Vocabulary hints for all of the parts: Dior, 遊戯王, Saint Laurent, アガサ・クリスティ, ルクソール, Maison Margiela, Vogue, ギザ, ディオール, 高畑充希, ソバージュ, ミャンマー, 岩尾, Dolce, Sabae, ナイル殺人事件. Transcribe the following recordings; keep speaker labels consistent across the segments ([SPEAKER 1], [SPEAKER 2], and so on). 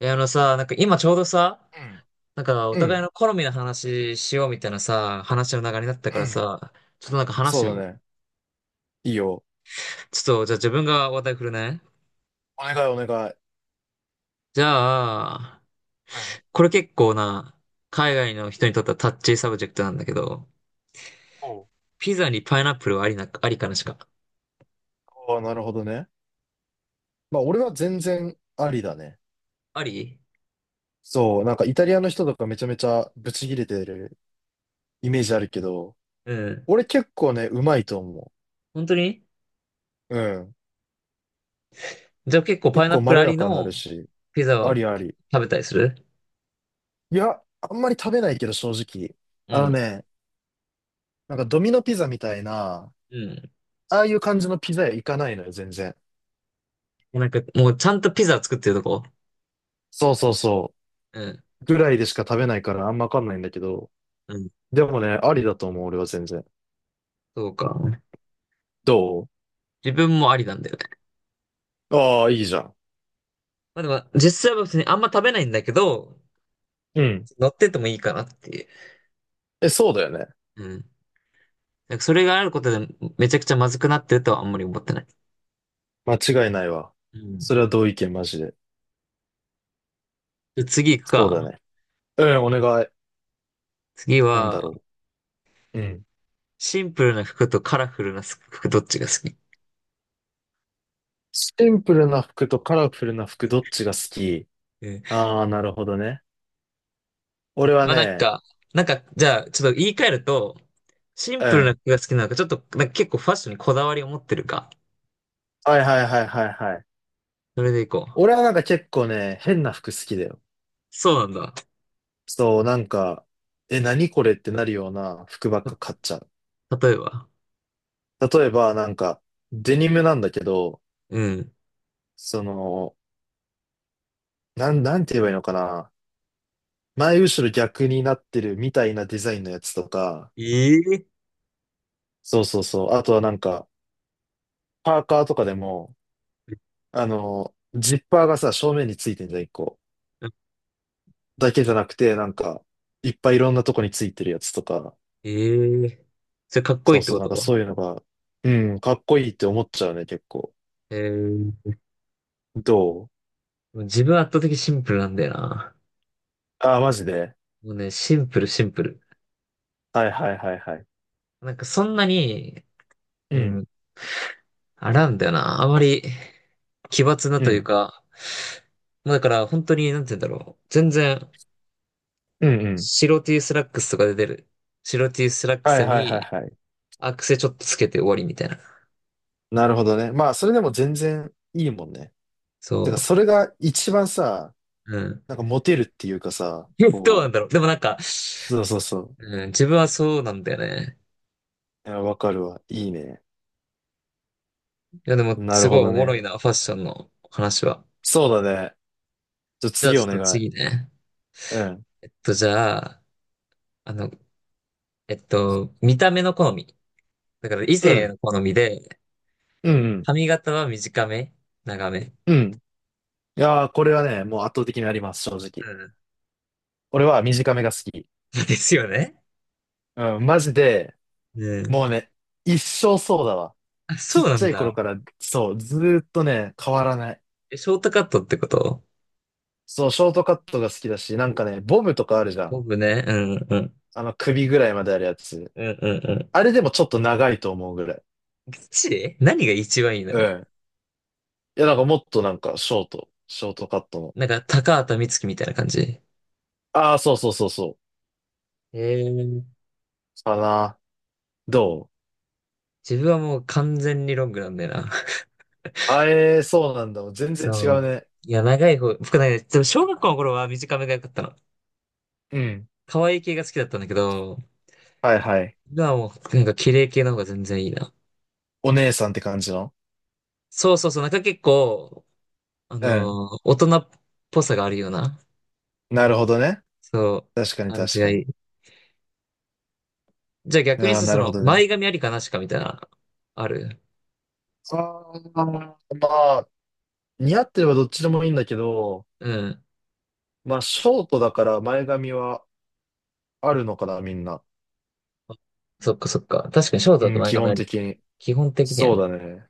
[SPEAKER 1] あのさ、なんか今ちょうどさ、
[SPEAKER 2] うん、
[SPEAKER 1] なんかお
[SPEAKER 2] う
[SPEAKER 1] 互
[SPEAKER 2] ん、
[SPEAKER 1] いの好みの話しようみたいなさ、話の流れになったか
[SPEAKER 2] う
[SPEAKER 1] ら
[SPEAKER 2] ん、
[SPEAKER 1] さ、ちょっとなんか話し
[SPEAKER 2] そ
[SPEAKER 1] てみ
[SPEAKER 2] うだ
[SPEAKER 1] ない？
[SPEAKER 2] ね。いいよ。
[SPEAKER 1] ちょっと、じゃあ自分が話題振るね。
[SPEAKER 2] お願いお願い。
[SPEAKER 1] じゃあ、
[SPEAKER 2] うん。
[SPEAKER 1] これ結構な、海外の人にとってはタッチーサブジェクトなんだけど、
[SPEAKER 2] おう。
[SPEAKER 1] ピザにパイナップルはありな、ありかなしか。
[SPEAKER 2] ああ、なるほどね。まあ、俺は全然ありだね。
[SPEAKER 1] あり。
[SPEAKER 2] そう、なんかイタリアの人とかめちゃめちゃブチギレてるイメージあるけど、
[SPEAKER 1] うん。
[SPEAKER 2] 俺結構ね、うまいと思
[SPEAKER 1] 本当に？
[SPEAKER 2] う。うん。
[SPEAKER 1] じゃあ結構パ
[SPEAKER 2] 結
[SPEAKER 1] イナ
[SPEAKER 2] 構
[SPEAKER 1] ップ
[SPEAKER 2] ま
[SPEAKER 1] ル
[SPEAKER 2] ろ
[SPEAKER 1] あ
[SPEAKER 2] や
[SPEAKER 1] り
[SPEAKER 2] かにな
[SPEAKER 1] の
[SPEAKER 2] るし、
[SPEAKER 1] ピザ
[SPEAKER 2] あ
[SPEAKER 1] は
[SPEAKER 2] りあ
[SPEAKER 1] 結
[SPEAKER 2] り。
[SPEAKER 1] 構食べたりする？
[SPEAKER 2] いや、あんまり食べないけど正直。
[SPEAKER 1] う
[SPEAKER 2] あの
[SPEAKER 1] ん。
[SPEAKER 2] ね、なんかドミノピザみたいな、
[SPEAKER 1] うん。
[SPEAKER 2] ああいう感じのピザ屋行かないのよ、全然。
[SPEAKER 1] なんかもうちゃんとピザ作ってるとこ？
[SPEAKER 2] そうそうそ
[SPEAKER 1] うん。
[SPEAKER 2] う。ぐらいでしか食べないからあんまわかんないんだけど、
[SPEAKER 1] うん。
[SPEAKER 2] でもね、ありだと思う、俺は全然。
[SPEAKER 1] そうか。
[SPEAKER 2] ど
[SPEAKER 1] 自分もありなんだよね。
[SPEAKER 2] う。ああ、いいじゃん。
[SPEAKER 1] まあでも、実際は別にあんま食べないんだけど、
[SPEAKER 2] うん。
[SPEAKER 1] 乗っててもいいかなっていう。
[SPEAKER 2] え、そうだよね。
[SPEAKER 1] うん。なんかそれがあることでめちゃくちゃまずくなってるとはあんまり思ってない。
[SPEAKER 2] 間違いないわ。
[SPEAKER 1] うん。
[SPEAKER 2] それは同意見、マジで。
[SPEAKER 1] で次行く
[SPEAKER 2] そうだ
[SPEAKER 1] か。
[SPEAKER 2] ね。うん、お願い。
[SPEAKER 1] 次
[SPEAKER 2] なんだ
[SPEAKER 1] は、
[SPEAKER 2] ろう。うん。
[SPEAKER 1] シンプルな服とカラフルな服どっちが好き？
[SPEAKER 2] シンプルな服とカラフルな服、どっちが好き？
[SPEAKER 1] うん。
[SPEAKER 2] ああー、なるほどね。俺は
[SPEAKER 1] まあなん
[SPEAKER 2] ね、
[SPEAKER 1] か、じゃあちょっと言い換えると、シン
[SPEAKER 2] う
[SPEAKER 1] プルな
[SPEAKER 2] ん。
[SPEAKER 1] 服が好きなのか、ちょっとなんか結構ファッションにこだわりを持ってるか。
[SPEAKER 2] はいはいはいはいはい。
[SPEAKER 1] それで行こう。
[SPEAKER 2] 俺はなんか結構ね、変な服好きだよ。
[SPEAKER 1] そうなんだ。
[SPEAKER 2] そう、なんか、え、何これってなるような服ばっか買っちゃう。
[SPEAKER 1] 例えば。
[SPEAKER 2] 例えば、なんか、デニムなんだけど、
[SPEAKER 1] うん。
[SPEAKER 2] その、なんて言えばいいのかな。前後ろ逆になってるみたいなデザインのやつとか、
[SPEAKER 1] ええ
[SPEAKER 2] そうそうそう。あとはなんか、パーカーとかでも、あの、ジッパーがさ、正面についてんじゃん、一個。だけじゃなくて、なんか、いっぱいいろんなとこについてるやつとか、
[SPEAKER 1] ええ。それかっこ
[SPEAKER 2] そ
[SPEAKER 1] いい
[SPEAKER 2] う
[SPEAKER 1] って
[SPEAKER 2] そう、
[SPEAKER 1] こ
[SPEAKER 2] なんか
[SPEAKER 1] と？
[SPEAKER 2] そういうのが、うん、かっこいいって思っちゃうね、結構。
[SPEAKER 1] えー、
[SPEAKER 2] どう。
[SPEAKER 1] 自分圧倒的シンプルなんだよな。
[SPEAKER 2] ああー、マジで。
[SPEAKER 1] もうね、シンプルシンプル。
[SPEAKER 2] はいはいはいはい。
[SPEAKER 1] なんかそんなに、
[SPEAKER 2] う
[SPEAKER 1] う
[SPEAKER 2] ん、
[SPEAKER 1] ん、あらんだよな。あまり奇抜な
[SPEAKER 2] う
[SPEAKER 1] という
[SPEAKER 2] ん、
[SPEAKER 1] か、まあだから本当に、なんて言うんだろう。全然、
[SPEAKER 2] うん、うん。
[SPEAKER 1] 白 T スラックスとかで出る。白 T スラック
[SPEAKER 2] はい
[SPEAKER 1] ス
[SPEAKER 2] はいは
[SPEAKER 1] に
[SPEAKER 2] いはい。
[SPEAKER 1] アクセちょっとつけて終わりみたいな。
[SPEAKER 2] なるほどね。まあ、それでも全然いいもんね。てか、
[SPEAKER 1] そ
[SPEAKER 2] それが一番さ、
[SPEAKER 1] う。うん。
[SPEAKER 2] なんかモテるっていうかさ、
[SPEAKER 1] どうなん
[SPEAKER 2] こう、
[SPEAKER 1] だろう。でもなんか、
[SPEAKER 2] そうそうそう。
[SPEAKER 1] うん、自分はそうなんだよね。
[SPEAKER 2] いや、わかるわ。いいね。
[SPEAKER 1] いやでも、
[SPEAKER 2] な
[SPEAKER 1] す
[SPEAKER 2] る
[SPEAKER 1] ご
[SPEAKER 2] ほ
[SPEAKER 1] い
[SPEAKER 2] ど
[SPEAKER 1] おもろ
[SPEAKER 2] ね。
[SPEAKER 1] いな、ファッションの話は。
[SPEAKER 2] そうだね。じゃあ
[SPEAKER 1] じゃあ
[SPEAKER 2] 次
[SPEAKER 1] ち
[SPEAKER 2] お
[SPEAKER 1] ょっと
[SPEAKER 2] 願い。
[SPEAKER 1] 次ね。
[SPEAKER 2] うん。
[SPEAKER 1] じゃあ、あの、見た目の好み。だから異
[SPEAKER 2] う
[SPEAKER 1] 性
[SPEAKER 2] ん。
[SPEAKER 1] の好みで、
[SPEAKER 2] うん、うん。
[SPEAKER 1] 髪型は短め？長め？
[SPEAKER 2] うん。いやー、これはね、もう圧倒的にあります、正直。
[SPEAKER 1] うん。
[SPEAKER 2] 俺は短めが好き。
[SPEAKER 1] ですよね？
[SPEAKER 2] うん、マジで、
[SPEAKER 1] うん。
[SPEAKER 2] もうね、一生そうだわ。
[SPEAKER 1] あ、
[SPEAKER 2] ちっ
[SPEAKER 1] そうな
[SPEAKER 2] ち
[SPEAKER 1] ん
[SPEAKER 2] ゃい
[SPEAKER 1] だ。
[SPEAKER 2] 頃から、そう、ずーっとね、変わらない。
[SPEAKER 1] え、ショートカットってこと？
[SPEAKER 2] そう、ショートカットが好きだし、なんかね、ボムとかあるじゃん。
[SPEAKER 1] 僕ね、うんうん。
[SPEAKER 2] あの、首ぐらいまであるやつ。
[SPEAKER 1] うんうんうん。
[SPEAKER 2] あれでもちょっと長いと思うぐらい。
[SPEAKER 1] ガチで何が一番いいの
[SPEAKER 2] う
[SPEAKER 1] よ。
[SPEAKER 2] ん。いや、なんかもっとなんか、ショートカットの。
[SPEAKER 1] なんか、高畑充希みたいな感じ。
[SPEAKER 2] ああ、そうそうそうそう。
[SPEAKER 1] えー、
[SPEAKER 2] かな。どう。
[SPEAKER 1] 自分はもう完全にロングなんだよな。
[SPEAKER 2] あえー、そうなんだ。全然違う
[SPEAKER 1] そう。
[SPEAKER 2] ね。
[SPEAKER 1] いや、長い方、僕ね、でも小学校の頃は短めが良かったの。
[SPEAKER 2] うん。
[SPEAKER 1] 可愛い系が好きだったんだけど、
[SPEAKER 2] はいはい。
[SPEAKER 1] がもう、なんか綺麗系の方が全然いいな。
[SPEAKER 2] お姉さんって感じの。
[SPEAKER 1] そうそうそう、なんか結構、
[SPEAKER 2] うん。
[SPEAKER 1] 大人っぽさがあるような、
[SPEAKER 2] なるほどね。
[SPEAKER 1] そ
[SPEAKER 2] 確か
[SPEAKER 1] う、
[SPEAKER 2] に
[SPEAKER 1] 感じ
[SPEAKER 2] 確
[SPEAKER 1] が
[SPEAKER 2] か
[SPEAKER 1] い
[SPEAKER 2] に。
[SPEAKER 1] い。じゃあ逆に
[SPEAKER 2] ああ、
[SPEAKER 1] さ、
[SPEAKER 2] な
[SPEAKER 1] そ
[SPEAKER 2] るほ
[SPEAKER 1] の、
[SPEAKER 2] どね。
[SPEAKER 1] 前髪ありかなしかみたいな、ある？
[SPEAKER 2] ああ、まあ、似合ってればどっちでもいいんだけど、
[SPEAKER 1] うん。
[SPEAKER 2] まあ、ショートだから前髪はあるのかな、みんな。
[SPEAKER 1] そっかそっか。確かにショートだと
[SPEAKER 2] うん、
[SPEAKER 1] 前
[SPEAKER 2] 基
[SPEAKER 1] 髪あ
[SPEAKER 2] 本
[SPEAKER 1] り。
[SPEAKER 2] 的に。
[SPEAKER 1] 基本的には
[SPEAKER 2] そう
[SPEAKER 1] ね。
[SPEAKER 2] だね。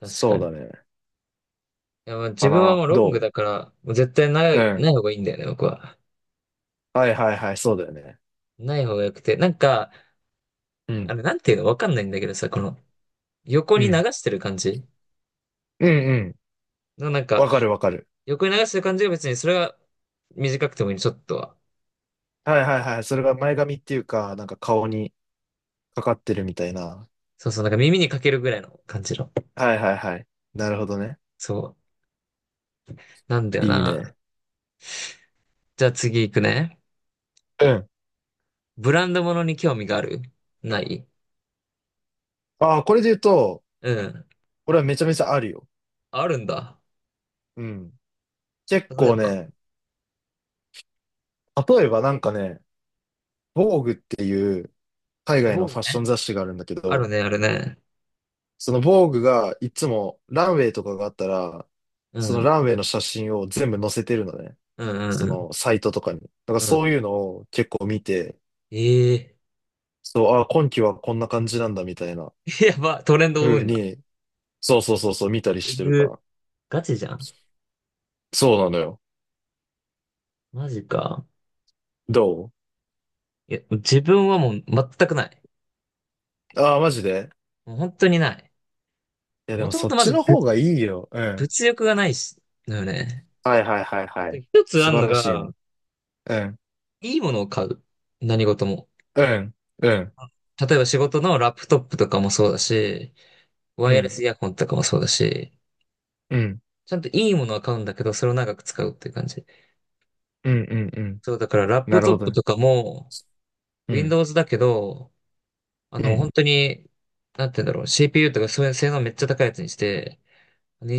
[SPEAKER 1] 確か
[SPEAKER 2] そう
[SPEAKER 1] に。い
[SPEAKER 2] だね。
[SPEAKER 1] や、まあ自
[SPEAKER 2] か
[SPEAKER 1] 分はも
[SPEAKER 2] な。
[SPEAKER 1] うロング
[SPEAKER 2] ど
[SPEAKER 1] だから、もう絶対な
[SPEAKER 2] う。う
[SPEAKER 1] い、
[SPEAKER 2] ん。
[SPEAKER 1] ない方がいいんだよね、僕は。
[SPEAKER 2] はいはいはい、そうだよね。
[SPEAKER 1] ない方が良くて。なんか、
[SPEAKER 2] うん。
[SPEAKER 1] なんていうのわかんないんだけどさ、この、横
[SPEAKER 2] う
[SPEAKER 1] に流
[SPEAKER 2] ん
[SPEAKER 1] してる感じ
[SPEAKER 2] うんうん。
[SPEAKER 1] のなんか、
[SPEAKER 2] わかるわかる。
[SPEAKER 1] 横に流してる感じが別にそれは短くてもいいちょっとは。
[SPEAKER 2] はいはいはい。それが前髪っていうか、なんか顔にかかってるみたいな。
[SPEAKER 1] そうそう、なんか耳にかけるぐらいの感じの。
[SPEAKER 2] はいはいはい。なるほどね。
[SPEAKER 1] そう。なんだよ
[SPEAKER 2] いい
[SPEAKER 1] な。
[SPEAKER 2] ね。
[SPEAKER 1] じゃあ次行くね。
[SPEAKER 2] うん。
[SPEAKER 1] ブランド物に興味がある？ない？
[SPEAKER 2] ああ、これで言うと、
[SPEAKER 1] うん。
[SPEAKER 2] 俺はめちゃめちゃあるよ。
[SPEAKER 1] あるんだ。
[SPEAKER 2] うん。結
[SPEAKER 1] 例え
[SPEAKER 2] 構
[SPEAKER 1] ば。
[SPEAKER 2] ね、例えばなんかね、Vogue っていう海
[SPEAKER 1] あ、
[SPEAKER 2] 外のファ
[SPEAKER 1] 僕
[SPEAKER 2] ッション
[SPEAKER 1] ね。
[SPEAKER 2] 雑誌があるんだけ
[SPEAKER 1] ある
[SPEAKER 2] ど、
[SPEAKER 1] ね、あるね。
[SPEAKER 2] その Vogue がいつもランウェイとかがあったら、
[SPEAKER 1] う
[SPEAKER 2] その
[SPEAKER 1] ん。
[SPEAKER 2] ランウェイの写真を全部載せてるのね。
[SPEAKER 1] うんうん
[SPEAKER 2] そ
[SPEAKER 1] うん。
[SPEAKER 2] のサイトとかに。だから
[SPEAKER 1] うん。
[SPEAKER 2] そういうのを結構見て、
[SPEAKER 1] ええ
[SPEAKER 2] そう、あ、今期はこんな感じなんだみたいな
[SPEAKER 1] ー。 やば、トレンドを追う
[SPEAKER 2] 風
[SPEAKER 1] んだ。
[SPEAKER 2] に、そうそうそうそう、見たりし
[SPEAKER 1] う
[SPEAKER 2] てるか
[SPEAKER 1] ぐ。
[SPEAKER 2] ら。
[SPEAKER 1] ガチじゃん。
[SPEAKER 2] そうなのよ。
[SPEAKER 1] マジか。
[SPEAKER 2] ど
[SPEAKER 1] いや、自分はもう全くない。
[SPEAKER 2] う。ああー、マジで。
[SPEAKER 1] もう本当にない。
[SPEAKER 2] いや、で
[SPEAKER 1] も
[SPEAKER 2] も
[SPEAKER 1] とも
[SPEAKER 2] そっ
[SPEAKER 1] とま
[SPEAKER 2] ち
[SPEAKER 1] ず
[SPEAKER 2] の方がいいよ。うん。
[SPEAKER 1] 物欲がないし、だよね。
[SPEAKER 2] はいはいはいは
[SPEAKER 1] で
[SPEAKER 2] い。
[SPEAKER 1] 一つあ
[SPEAKER 2] 素
[SPEAKER 1] んの
[SPEAKER 2] 晴らしいね。
[SPEAKER 1] が、
[SPEAKER 2] うん。
[SPEAKER 1] いいものを買う。何事も。
[SPEAKER 2] うん。うん。
[SPEAKER 1] あ、例えば仕事のラップトップとかもそうだし、ワ
[SPEAKER 2] う
[SPEAKER 1] イヤレ
[SPEAKER 2] ん。
[SPEAKER 1] スイヤホンとかもそうだし、
[SPEAKER 2] うん。
[SPEAKER 1] ちゃんといいものは買うんだけど、それを長く使うっていう感じ。
[SPEAKER 2] うん。うん。うん。
[SPEAKER 1] そう、だからラップ
[SPEAKER 2] なる
[SPEAKER 1] ト
[SPEAKER 2] ほ
[SPEAKER 1] ッ
[SPEAKER 2] ど
[SPEAKER 1] プ
[SPEAKER 2] ね。
[SPEAKER 1] とかも、
[SPEAKER 2] うん。
[SPEAKER 1] Windows だけど、
[SPEAKER 2] うん。
[SPEAKER 1] 本当に、なんて言うんだろう、CPU とかそういう性能めっちゃ高いやつにして、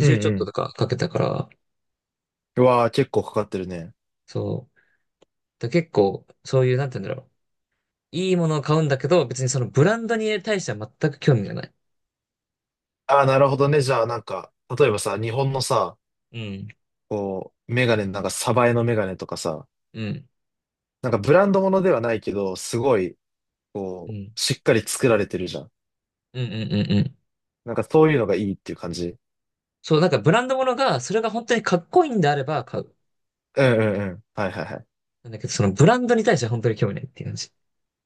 [SPEAKER 2] うん。
[SPEAKER 1] ちょっ
[SPEAKER 2] う
[SPEAKER 1] と
[SPEAKER 2] ん。
[SPEAKER 1] とかかけたから、
[SPEAKER 2] うわあ、結構かかってるね。
[SPEAKER 1] そう。だ結構、そういう、なんて言うんだろう。いいものを買うんだけど、別にそのブランドに対しては全く興味がない。
[SPEAKER 2] ああ、なるほどね。じゃあ、なんか、例えばさ、日本のさ、
[SPEAKER 1] うん。
[SPEAKER 2] こう、メガネ、なんか、サバエのメガネとかさ、
[SPEAKER 1] うん。
[SPEAKER 2] なんかブランドものではないけど、すごい、
[SPEAKER 1] う
[SPEAKER 2] こ
[SPEAKER 1] ん。
[SPEAKER 2] う、しっかり作られてるじゃん。
[SPEAKER 1] うんうんうんうん。
[SPEAKER 2] なんかそういうのがいいっていう感じ。
[SPEAKER 1] そう、なんかブランドものが、それが本当にかっこいいんであれば買う。
[SPEAKER 2] うんうんうん。はいはいはい。
[SPEAKER 1] なんだけど、そのブランドに対しては本当に興味ないっていう感じ。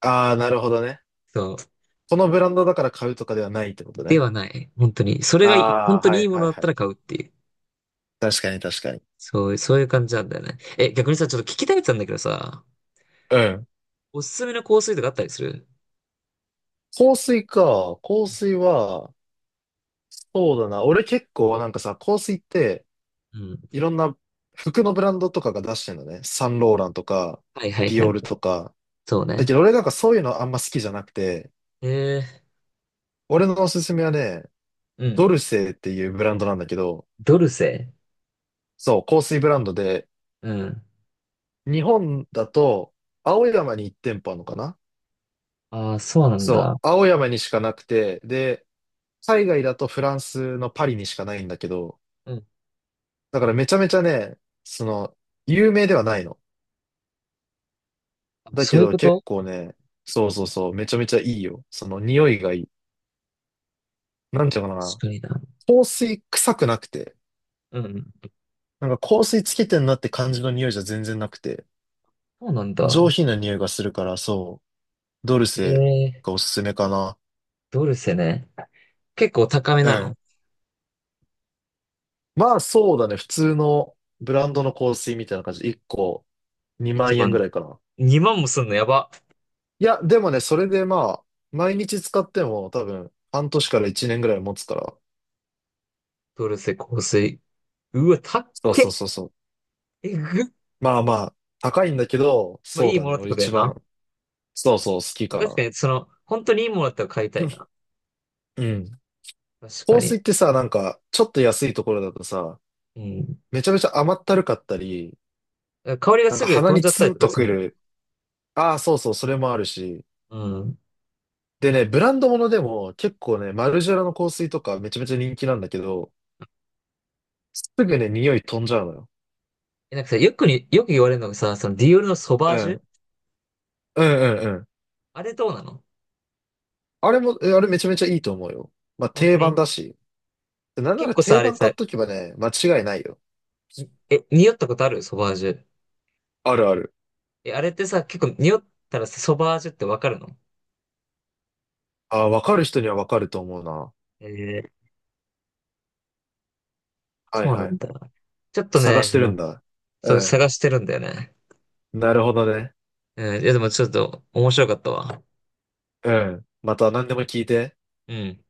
[SPEAKER 2] ああ、なるほどね。
[SPEAKER 1] そう。
[SPEAKER 2] このブランドだから買うとかではないってこと
[SPEAKER 1] で
[SPEAKER 2] ね。
[SPEAKER 1] はない。本当に。それ
[SPEAKER 2] あ
[SPEAKER 1] がいい、本
[SPEAKER 2] あ、
[SPEAKER 1] 当
[SPEAKER 2] は
[SPEAKER 1] にい
[SPEAKER 2] い
[SPEAKER 1] いも
[SPEAKER 2] は
[SPEAKER 1] の
[SPEAKER 2] い
[SPEAKER 1] だっ
[SPEAKER 2] は
[SPEAKER 1] たら
[SPEAKER 2] い。
[SPEAKER 1] 買うっていう。
[SPEAKER 2] 確かに確かに。
[SPEAKER 1] そう、そういう感じなんだよね。え、逆にさ、ちょっと聞きたいってたんだけどさ、
[SPEAKER 2] うん。
[SPEAKER 1] おすすめの香水とかあったりする？
[SPEAKER 2] 香水か。香水は、そうだな。俺結構なんかさ、香水って、
[SPEAKER 1] うん。
[SPEAKER 2] いろんな服のブランドとかが出してるのね。サンローランとか、
[SPEAKER 1] はいはい
[SPEAKER 2] デ
[SPEAKER 1] は
[SPEAKER 2] ィオー
[SPEAKER 1] い。
[SPEAKER 2] ルとか。
[SPEAKER 1] そう
[SPEAKER 2] だけ
[SPEAKER 1] ね。
[SPEAKER 2] ど俺なんかそういうのあんま好きじゃなくて、
[SPEAKER 1] えー、
[SPEAKER 2] 俺のおすすめはね、
[SPEAKER 1] う
[SPEAKER 2] ド
[SPEAKER 1] ん。
[SPEAKER 2] ルセーっていうブランドなんだけど、
[SPEAKER 1] ドルセ。
[SPEAKER 2] そう、香水ブランドで、
[SPEAKER 1] うん。
[SPEAKER 2] 日本だと、青山に1店舗あるのかな？
[SPEAKER 1] ああ、そうなんだ。
[SPEAKER 2] そう、青山にしかなくて、で、海外だとフランスのパリにしかないんだけど、
[SPEAKER 1] うん。
[SPEAKER 2] だからめちゃめちゃね、その、有名ではないの。
[SPEAKER 1] あ、
[SPEAKER 2] だ
[SPEAKER 1] そ
[SPEAKER 2] け
[SPEAKER 1] ういう
[SPEAKER 2] ど
[SPEAKER 1] こ
[SPEAKER 2] 結
[SPEAKER 1] と？
[SPEAKER 2] 構ね、そうそうそう、めちゃめちゃいいよ。その匂いがいい。なんていうのか
[SPEAKER 1] 確かにな。
[SPEAKER 2] な。香水臭くなくて、
[SPEAKER 1] うん。
[SPEAKER 2] なんか香水つけてんなって感じの匂いじゃ全然なくて、
[SPEAKER 1] そうなんだ。
[SPEAKER 2] 上品な匂いがするから、そう、ドル
[SPEAKER 1] え
[SPEAKER 2] セ
[SPEAKER 1] ー、
[SPEAKER 2] がおすすめかな。
[SPEAKER 1] ドルセね。結構高め
[SPEAKER 2] う
[SPEAKER 1] なの？
[SPEAKER 2] ん。まあそうだね。普通のブランドの香水みたいな感じで1個2
[SPEAKER 1] ?1
[SPEAKER 2] 万円
[SPEAKER 1] 万。
[SPEAKER 2] ぐらいかな。
[SPEAKER 1] 2万もすんの、やば。
[SPEAKER 2] いや、でもね、それでまあ、毎日使っても多分半年から1年ぐらい持つから。
[SPEAKER 1] トルセ香水。うわ、たっ
[SPEAKER 2] そうそ
[SPEAKER 1] け。
[SPEAKER 2] うそうそう。
[SPEAKER 1] えぐっ。
[SPEAKER 2] まあまあ、高いんだけど、
[SPEAKER 1] まあ、
[SPEAKER 2] そう
[SPEAKER 1] いい
[SPEAKER 2] だ
[SPEAKER 1] もの
[SPEAKER 2] ね。
[SPEAKER 1] って
[SPEAKER 2] 俺
[SPEAKER 1] ことや
[SPEAKER 2] 一
[SPEAKER 1] な。
[SPEAKER 2] 番、そうそう、好き
[SPEAKER 1] まあ、
[SPEAKER 2] か
[SPEAKER 1] 確か
[SPEAKER 2] な。
[SPEAKER 1] に、その、本当にいいものだったら買いたいな。
[SPEAKER 2] うん。
[SPEAKER 1] 確か
[SPEAKER 2] 香水
[SPEAKER 1] に。
[SPEAKER 2] ってさ、なんか、ちょっと安いところだとさ、
[SPEAKER 1] うん。
[SPEAKER 2] めちゃめちゃ甘ったるかったり、
[SPEAKER 1] 香りが
[SPEAKER 2] なん
[SPEAKER 1] す
[SPEAKER 2] か
[SPEAKER 1] ぐ
[SPEAKER 2] 鼻
[SPEAKER 1] 飛ん
[SPEAKER 2] に
[SPEAKER 1] じゃった
[SPEAKER 2] ツ
[SPEAKER 1] り
[SPEAKER 2] ン
[SPEAKER 1] とか
[SPEAKER 2] と
[SPEAKER 1] する
[SPEAKER 2] く
[SPEAKER 1] んだよね。
[SPEAKER 2] る。ああ、そうそう、それもあるし、
[SPEAKER 1] うん。
[SPEAKER 2] でね、ブランドものでも結構ね、マルジェラの香水とかめちゃめちゃ人気なんだけど、すぐね、匂い飛んじゃうのよ。
[SPEAKER 1] え、なんかさ、よく言われるのがさ、そのディオールのソバ
[SPEAKER 2] う
[SPEAKER 1] ージュ、
[SPEAKER 2] ん。うんうんうん。
[SPEAKER 1] あれどうなの？
[SPEAKER 2] あれも、あれめちゃめちゃいいと思うよ。まあ
[SPEAKER 1] 本当
[SPEAKER 2] 定番
[SPEAKER 1] に？
[SPEAKER 2] だし。なんな
[SPEAKER 1] 結
[SPEAKER 2] ら
[SPEAKER 1] 構さ、
[SPEAKER 2] 定
[SPEAKER 1] あれ
[SPEAKER 2] 番買
[SPEAKER 1] さ、
[SPEAKER 2] っとけばね、間違いないよ。
[SPEAKER 1] にえ、匂ったことあるソバージュ。
[SPEAKER 2] あるある。
[SPEAKER 1] え、あれってさ、結構匂ったらさソバージュってわかるの？
[SPEAKER 2] あー、わかる人にはわかると思うな。
[SPEAKER 1] えー、
[SPEAKER 2] はい
[SPEAKER 1] そうな
[SPEAKER 2] は
[SPEAKER 1] ん
[SPEAKER 2] い
[SPEAKER 1] だ。
[SPEAKER 2] はい。
[SPEAKER 1] ちょっと
[SPEAKER 2] 探し
[SPEAKER 1] ね、
[SPEAKER 2] てるんだ。う
[SPEAKER 1] そう、
[SPEAKER 2] ん。
[SPEAKER 1] 探してるんだよね。
[SPEAKER 2] なるほどね。
[SPEAKER 1] うん。いや、でもちょっと面白かったわ。
[SPEAKER 2] うん。また何でも聞いて。
[SPEAKER 1] うん。